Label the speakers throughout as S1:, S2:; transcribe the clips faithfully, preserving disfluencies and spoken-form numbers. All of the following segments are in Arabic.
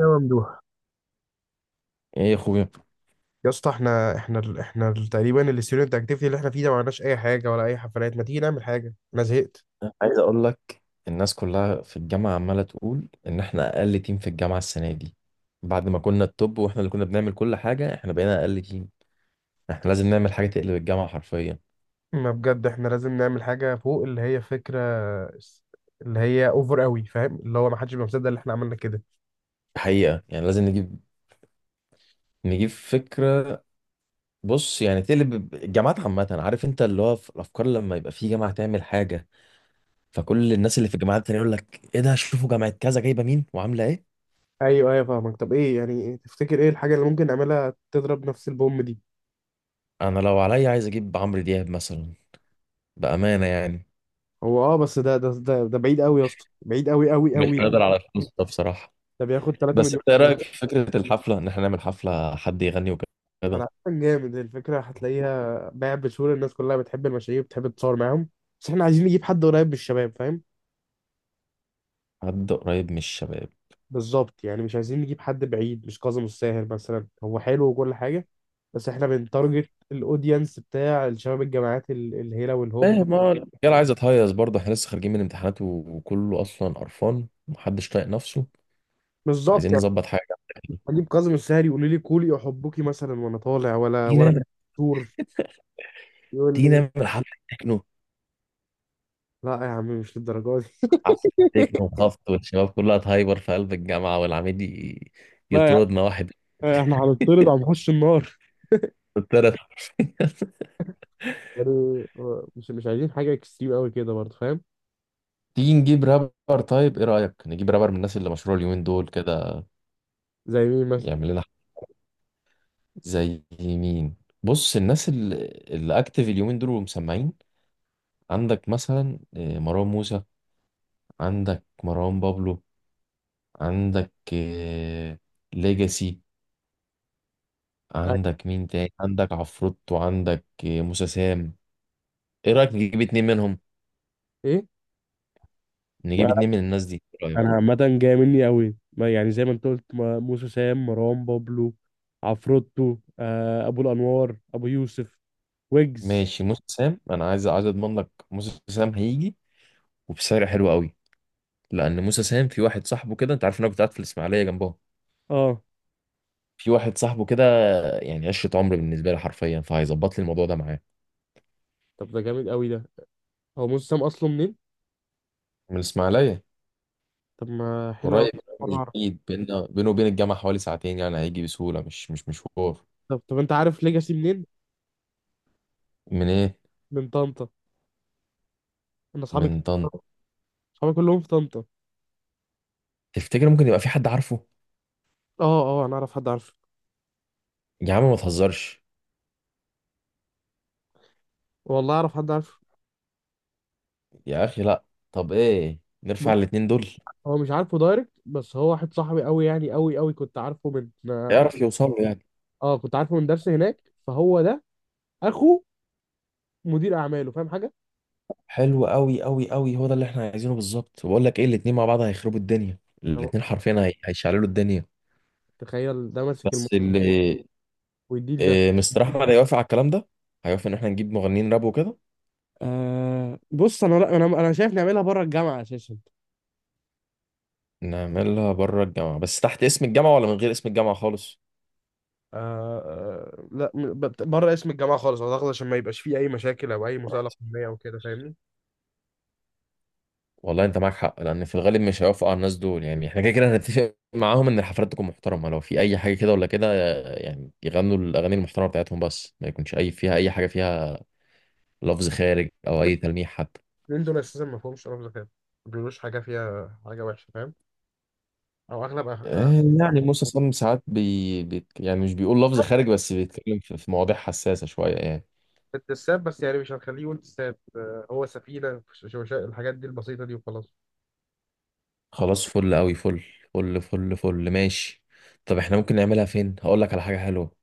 S1: يا ممدوح
S2: ايه يا اخويا،
S1: يا اسطى احنا احنا ال- احنا ال- تقريبا الستودنت اكتيفيتي اللي احنا فيه ده ما عملناش اي حاجه ولا اي حفلات، ما تيجي نعمل حاجه، انا زهقت.
S2: عايز اقول لك. الناس كلها في الجامعه عماله تقول ان احنا اقل تيم في الجامعه السنه دي. بعد ما كنا التوب واحنا اللي كنا بنعمل كل حاجه احنا بقينا اقل تيم. احنا لازم نعمل حاجه تقلب الجامعه حرفيا.
S1: ما بجد احنا لازم نعمل حاجه فوق اللي هي فكره، س- اللي هي اوفر قوي، فاهم؟ اللي هو ما حدش بيبقى مصدق اللي احنا عملنا كده.
S2: حقيقه يعني لازم نجيب نجيب فكره. بص يعني تقلب الجامعات عامه، عارف انت اللي هو في الافكار لما يبقى في جامعه تعمل حاجه، فكل الناس اللي في الجامعات التانيه يقول لك ايه ده، شوفوا جامعه كذا جايبه مين وعامله ايه.
S1: ايوه ايوه، فاهمك. طب ايه يعني؟ تفتكر ايه الحاجه اللي ممكن نعملها تضرب نفس البوم دي؟
S2: انا لو عليا عايز اجيب عمرو دياب مثلا، بامانه يعني.
S1: هو اه بس ده ده ده, ده بعيد قوي يا اسطى، بعيد قوي قوي
S2: مش
S1: قوي.
S2: هنقدر على الفلوس ده بصراحه.
S1: ده بياخد 3
S2: بس
S1: مليون.
S2: انت ايه رايك في فكره الحفله ان احنا نعمل حفله حد يغني وكده؟
S1: انا عارف جامد الفكره هتلاقيها باع بسهوله، الناس كلها بتحب المشاريع وبتحب تتصور معاهم. بس احنا عايزين نجيب حد قريب من الشباب، فاهم؟
S2: حد قريب من الشباب.
S1: بالظبط، يعني مش عايزين نجيب حد بعيد، مش كاظم الساهر مثلا، هو حلو وكل حاجه. بس احنا بنتارجت الاودينس بتاع الشباب الجامعات ال- الهيله والهوب.
S2: ايه، ما هو الرجاله عايزه تهيص برضه، احنا لسه خارجين من امتحانات و- وكله اصلا قرفان ومحدش طايق نفسه.
S1: بالظبط
S2: عايزين
S1: يعني.
S2: نظبط حاجه.
S1: اجيب كاظم الساهر يقول لي كولي احبكي مثلا وانا طالع، ولا
S2: تيجي
S1: ولا؟
S2: نعمل
S1: دكتور يقول
S2: تيجي
S1: لي،
S2: نعمل حفله تكنو
S1: لا يا عم مش للدرجه دي.
S2: حفله تكنو وخبط والشباب كلها تهايبر في قلب الجامعه والعميد ي-
S1: لا يا
S2: يطردنا واحد.
S1: عم، احنا هنطرد، هنخش النار
S2: يطرد
S1: يعني. آه، مش مش عايزين حاجه اكستريم قوي كده برضه، فاهم؟
S2: تيجي نجيب رابر، طيب ايه رايك نجيب رابر من الناس اللي مشهوره اليومين دول كده؟
S1: زي مين مثلا؟
S2: يعمل لنا زي مين؟ بص الناس اللي اللي اكتف اليومين دول ومسمعين. عندك مثلا آه، مروان موسى. عندك مروان بابلو. عندك آه، ليجاسي.
S1: أي-
S2: عندك مين تاني؟ عندك عفروت وعندك آه، موسى سام. ايه رايك نجيب اتنين منهم؟
S1: ايه؟
S2: نجيب
S1: انا
S2: اتنين من الناس دي، ايه رايك؟
S1: أنا عامه جاي مني قوي، ما يعني زي ما انت قلت، ما- موسى سام، مروان بابلو، عفروتو، آه ابو الانوار، ابو يوسف، ويجز.
S2: ماشي، موسى سام انا عايز عايز اضمن لك موسى سام هيجي وبسعر حلو قوي. لان موسى سام في واحد صاحبه كده، انت عارف ان انا كنت قاعد في الاسماعيليه جنبهم.
S1: اه.
S2: في واحد صاحبه كده، يعني عشرة عمر بالنسبة لي حرفيا، فهيظبط لي الموضوع ده معاه.
S1: طب ده جامد قوي ده. هو موسى سام اصله منين؟
S2: من الإسماعيلية.
S1: طب ما حلو قوي.
S2: قريب،
S1: مرة
S2: مش
S1: اعرف.
S2: بعيد، بيننا بينه وبين الجامعة حوالي ساعتين يعني، هيجي بسهولة، مش مش مشوار.
S1: طب طب انت عارف ليجاسي منين؟
S2: من إيه؟
S1: من طنطا. انا اصحابي
S2: من
S1: كتير-
S2: طنطا.
S1: اصحابي كلهم في طنطا.
S2: تفتكر ممكن يبقى في حد عارفه؟
S1: اه اه، انا اعرف حد عارفه.
S2: يا عم ما تهزرش.
S1: والله اعرف حد عارفه.
S2: يا أخي لأ. طب إيه، نرفع
S1: بص،
S2: الاتنين دول؟
S1: هو مش عارفه دايركت، بس هو واحد صاحبي قوي يعني، قوي قوي، كنت عارفه من
S2: يعرف يوصل له يعني.
S1: اه كنت عارفه من درس هناك، فهو ده اخوه مدير اعماله، فاهم حاجه.
S2: حلو أوي أوي أوي، هو ده اللي إحنا عايزينه بالظبط، بقول لك إيه، الاتنين مع بعض هيخربوا الدنيا،
S1: أهو،
S2: الاتنين حرفيا هي- هيشعللوا الدنيا.
S1: تخيل ده ماسك
S2: بس
S1: الموضوع،
S2: اللي
S1: ويديل ده.
S2: إيه، مستر احمد هيوافق على الكلام ده؟ هيوافق ان احنا نجيب مغنيين راب وكده؟
S1: آه بص، انا، لا، انا انا شايف نعملها بره الجامعه اساسا.
S2: نعملها بره الجامعه، بس تحت اسم الجامعه ولا من غير اسم الجامعه خالص؟
S1: آه آه، لا م- بت- بره اسم الجامعه خالص اعتقد، عشان ما يبقاش فيه اي مشاكل او اي مساءله قانونيه او كده، فاهمني؟
S2: والله انت معاك حق، لان في الغالب مش هيوافقوا على الناس دول، يعني احنا كده كده هنتفق معاهم ان الحفلات تكون محترمه، لو في اي حاجه كده ولا كده، يعني يغنوا الاغاني المحترمه بتاعتهم بس، ما يكونش اي فيها اي حاجه فيها لفظ خارج او اي تلميح حتى.
S1: لان دول اساسا ما فيهمش رمز خير، ما بيقولوش حاجه فيها حاجه وحشه، فاهم؟ او اغلب أغ- أغلب.
S2: آه، يعني موسى سام ساعات بي... بيت... يعني مش بيقول لفظ خارج بس بيتكلم في في مواضيع حساسه شويه يعني.
S1: التساب بس يعني، مش هنخليه يقول تساب، آه، هو سفينه، ش- ش- ش- الحاجات دي البسيطه دي، وخلاص.
S2: خلاص، فل قوي، فل فل فل فل ماشي. طب احنا ممكن نعملها فين؟ هقول لك على حاجه حلوه.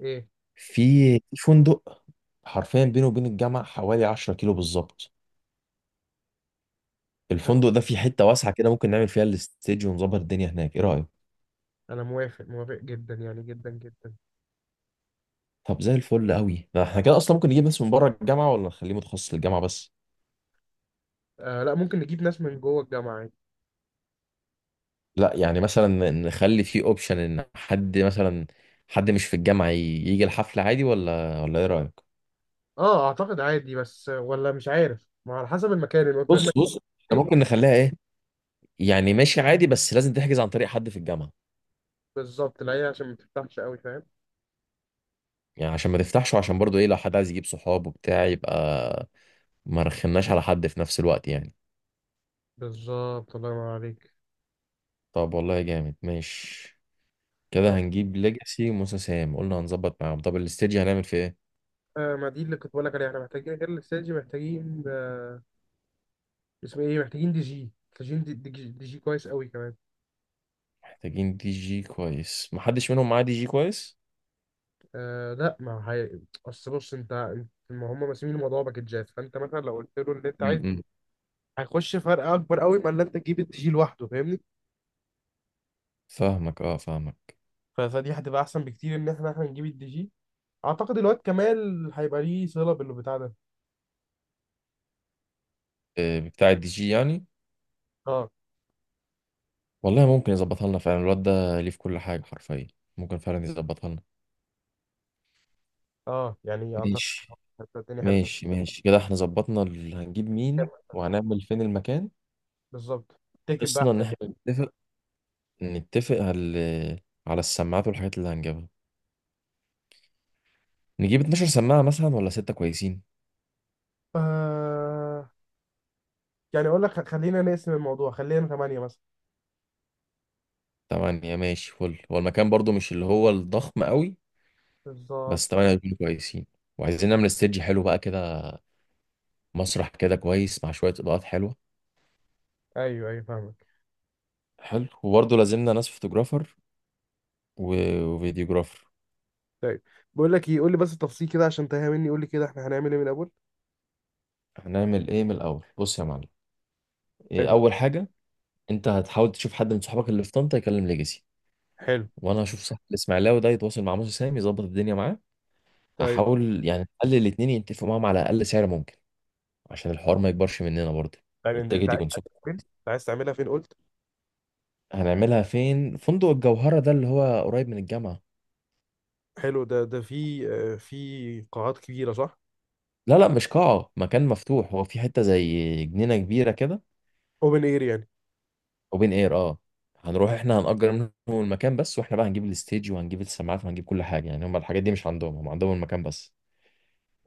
S1: ايه،
S2: في في فندق، حرفيا بينه وبين الجامعه حوالي عشرة كيلو بالظبط. الفندق ده فيه حته واسعه كده، ممكن نعمل فيها الاستيج ونظبط الدنيا هناك، ايه رايك؟
S1: انا موافق موافق جدا يعني، جدا جدا.
S2: طب زي الفل قوي ده، احنا كده اصلا ممكن نجيب ناس من بره الجامعه ولا نخليه متخصص للجامعه بس؟
S1: آه لا، ممكن نجيب ناس من جوه الجامعه.
S2: لا يعني، مثلا نخلي فيه اوبشن ان حد مثلا، حد مش في الجامعه ي- يجي الحفله عادي، ولا ولا ايه رايك؟
S1: اه، اعتقد عادي، بس ولا مش عارف، ما على حسب المكان، الوقت، المكان.
S2: بص بص، احنا
S1: ايه،
S2: ممكن نخليها يعني ماشي عادي، بس لازم تحجز عن طريق حد في الجامعة.
S1: بالظبط، لا هي عشان ما تفتحش قوي، فاهم؟
S2: يعني عشان ما تفتحش، وعشان برضو ايه، لو حد عايز يجيب صحاب وبتاع يبقى ما رخناش على حد في نفس الوقت يعني.
S1: بالظبط، الله ينور عليك.
S2: طب والله جامد، ماشي.
S1: طب،
S2: كده هنجيب ليجاسي وموسى سام، قلنا هنظبط معاهم. طب الاستديو هنعمل فيه ايه؟
S1: آه، ما دي اللي كنت بقول لك عليها، احنا محتاجين غير الاستاد، محتاجين، آه، اسمه ايه، محتاجين دي جي، محتاجين دي, دي, جي- دي جي كويس قوي كمان.
S2: محتاجين دي جي كويس، محدش منهم معاه دي جي كويس.
S1: آه لا، ما هي، اصل بص انت، ما هم ماسمين الموضوع باكجات، فانت مثلا لو قلت له اللي انت عايز
S2: م-م.
S1: هيخش فرق اكبر قوي ما اللي انت تجيب الدي جي لوحده، فاهمني؟
S2: فاهمك، اه، فاهمك.
S1: ف- فدي هتبقى احسن بكتير ان احنا احنا نجيب الدي جي. اعتقد الواد كمال هيبقى ليه صله بالبتاع ده.
S2: آه، بتاع الدي جي يعني.
S1: اه
S2: والله ممكن يظبطها لنا فعلا، الواد ده ليه في كل حاجة حرفيا، ممكن فعلا يظبطها لنا.
S1: اه، يعني اعتقد
S2: ماشي
S1: هتبقى الدنيا حلوه.
S2: ماشي ماشي، كده احنا ظبطنا ال- هنجيب مين وهنعمل فين المكان.
S1: بالظبط. تكب
S2: قصنا ان
S1: بقى.
S2: احنا نتفق نتفق على على السماعات والحاجات اللي هنجيبها. نجيب اتناشر سماعة مثلا ولا ستة كويسين؟
S1: آه، يعني اقول لك، خ- خلينا نقسم الموضوع، خلينا ثمانية مثلا.
S2: تمانية ماشي، فل. هو المكان برضو مش اللي هو الضخم قوي،
S1: بالظبط.
S2: بس تمانية هيكونوا كويسين. وعايزين نعمل استيدج حلو بقى كده، مسرح كده كويس مع شوية إضاءات حلوة.
S1: ايوه ايوه، فاهمك.
S2: حلو، وبرضه لازمنا ناس فوتوجرافر و- وفيديوجرافر.
S1: طيب، بقول لك ايه، قول لي بس التفصيل كده عشان تهيأ مني، قول لي كده احنا هنعمل ايه من الاول.
S2: هنعمل ايه من الأول؟ بص يا معلم، إيه
S1: حلو.
S2: أول حاجة. انت هتحاول تشوف حد من صحابك اللي في طنطا يكلم ليجاسي،
S1: حلو.
S2: وانا هشوف صاحب الاسماعيلاوي ده يتواصل مع موسى سام يظبط الدنيا معاه.
S1: طيب،
S2: هحاول يعني نخلي الاتنين يتفقوا معاهم على اقل سعر ممكن، عشان الحوار ما يكبرش مننا برضه،
S1: يعني انت انت
S2: والتيكت
S1: عايز
S2: يكون سكت.
S1: تعملها فين؟ انت عايز تعملها فين قلت؟
S2: هنعملها فين؟ فندق الجوهرة ده اللي هو قريب من الجامعة.
S1: حلو. ده ده في؟ آه، في قاعات كبيره، صح؟
S2: لا لا، مش قاعة، مكان مفتوح، هو في حتة زي جنينة كبيرة كده.
S1: اوبن اير يعني.
S2: وبين اير، اه. هنروح احنا هنأجر منهم المكان بس، واحنا بقى هنجيب الستيج وهنجيب السماعات وهنجيب كل حاجة يعني، هم الحاجات دي مش عندهم، هم عندهم المكان بس.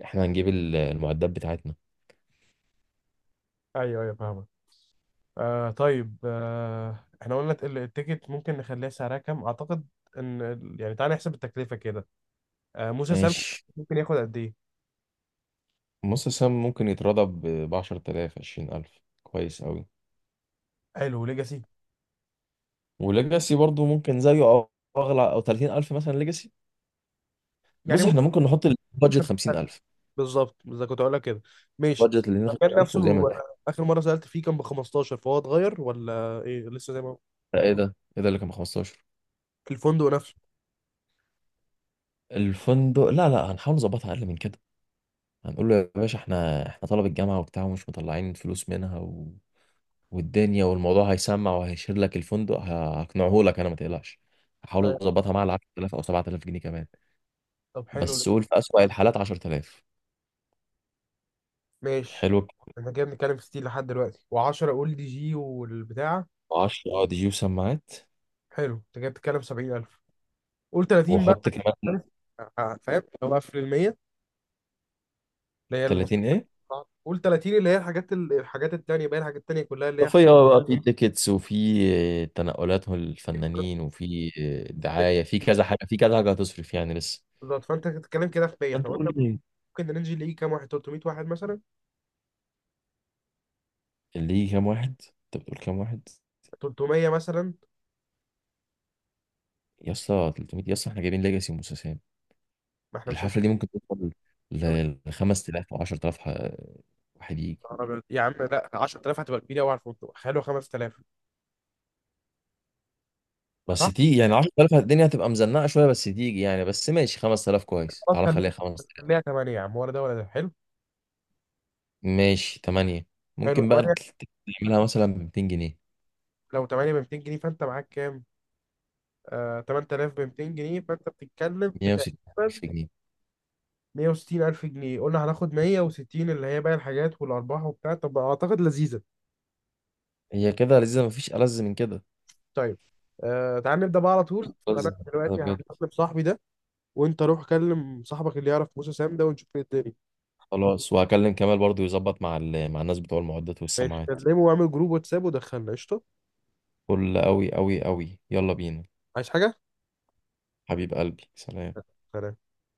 S2: احنا هنجيب ال- المعدات بتاعتنا.
S1: ايوه ايوه، فاهمك. آه طيب، آه احنا قلنا ال- التيكت ممكن نخليها سعرها كام اعتقد، ان ال- يعني تعالى نحسب التكلفه كده. آه موسى سام
S2: ماشي،
S1: ممكن ياخد قد ايه؟
S2: نص سام ممكن يترضى ب عشرة آلاف عشرين الف كويس قوي.
S1: حلو. ليجاسي
S2: وليجاسي برضو ممكن زيه او اغلى، او تلاتين الف مثلا ليجاسي.
S1: يعني
S2: بص احنا
S1: ممكن
S2: ممكن نحط البادجت
S1: خمسين ألف.
S2: خمسين الف.
S1: بالظبط، اذا كنت هقول لك كده. ماشي.
S2: بادجت اللي
S1: المكان
S2: خمسين الف،
S1: نفسه
S2: وزي ما
S1: هو،
S2: انت-
S1: اخر مره سالت فيه كان ب خمستاشر، فهو اتغير ولا ايه لسه زي ما هو؟
S2: لا، ايه ده ايه ده اللي كان ب خمسة عشر؟
S1: الفندق نفسه.
S2: الفندق؟ لا لا، هنحاول نظبطها اقل من كده. هنقول له يا باشا احنا احنا طلب الجامعه وبتاع ومش مطلعين فلوس منها و... والدنيا والموضوع، هيسمع وهيشير لك الفندق، ه- هقنعه لك انا، ما تقلقش. هحاول
S1: طيب.
S2: اظبطها مع ال عشرة آلاف او سبعة آلاف جنيه كمان.
S1: طب حلو ده.
S2: بس قول في اسوأ الحالات عشرة آلاف.
S1: ماشي.
S2: حلو الكلام.
S1: احنا كده بنتكلم في ستين لحد دلوقتي و10، اقول دي جي والبتاع.
S2: عشرة، اه، دي جي وسماعات.
S1: حلو. انت كده بتتكلم سبعين ألف. قول تلاتين بقى،
S2: واحط كمان
S1: عارف؟ آه، فاهم اللي هو قفل ال ميه، اللي هي المصاريف
S2: تلاتين ايه؟
S1: بتاعتك. قول تلاتين اللي هي الحاجات ال- الحاجات التانية، باقي الحاجات التانية كلها اللي هي.
S2: اضافيه بقى، في تيكتس وفي تنقلات الفنانين وفي دعايه، في كذا حاجه، في كذا حاجه هتصرف يعني لسه.
S1: بالظبط، فانت بتتكلم كده في ميه،
S2: انت
S1: احنا
S2: قول
S1: قلنا.
S2: لي،
S1: ممكن رينج اللي يجي كام واحد؟ ثلاثمئة واحد مثلا؟
S2: اللي يجي كام واحد؟ انت بتقول كام واحد؟
S1: تلتميه مثلا.
S2: يا اسطى تلتمية؟ يا اسطى احنا جايبين ليجاسي وموسى،
S1: ما احنا مش
S2: الحفله دي
S1: عايزين.
S2: ممكن توصل ل
S1: طب
S2: ل خمسة آلاف او عشرة آلاف ح- واحد يجي.
S1: يا يا عم لا، عشرة آلاف هتبقى كبيره قوي على الفندق، خلوا خمسة آلاف،
S2: بس
S1: صح؟
S2: تيجي يعني عشرة آلاف الدنيا هتبقى مزنقه شويه، بس تيجي يعني، بس ماشي خمسة آلاف كويس،
S1: خلاص
S2: تعالى
S1: خليها.
S2: خليها خمسة آلاف.
S1: خليها تمانية يا عم، ولا ده ولا ده حلو.
S2: ماشي تمانية،
S1: حلو
S2: ممكن بقى
S1: تمانية.
S2: تعملها مثلا ب ميتين جنيه،
S1: لو تمانية ب ميتين جنيه فانت معاك كام؟ آه تمنتلاف ب ميتين جنيه، فانت بتتكلم في
S2: 160000
S1: تقريبا
S2: جنيه
S1: مية وستين ألف جنيه. قلنا هناخد مية وستين اللي هي باقي الحاجات والأرباح وبتاع، طب أعتقد لذيذة.
S2: هي كده لذيذة، مفيش ألذ من كده.
S1: طيب. آه تعال نبدأ بقى على طول،
S2: ألذ
S1: أنا
S2: من كده
S1: دلوقتي
S2: بجد.
S1: هكلم صاحبي ده، وأنت روح كلم صاحبك اللي يعرف موسى سام ده، ونشوف ايه الدنيا.
S2: خلاص وهكلم كمال برضو يظبط مع ال... مع الناس بتوع المعدات
S1: ماشي،
S2: والسماعات.
S1: كلمه واعمل جروب واتساب ودخلنا، قشطة.
S2: فل أوي أوي أوي، يلا بينا.
S1: عايز حاجة؟
S2: حبيب قلبي، سلام.
S1: سلام.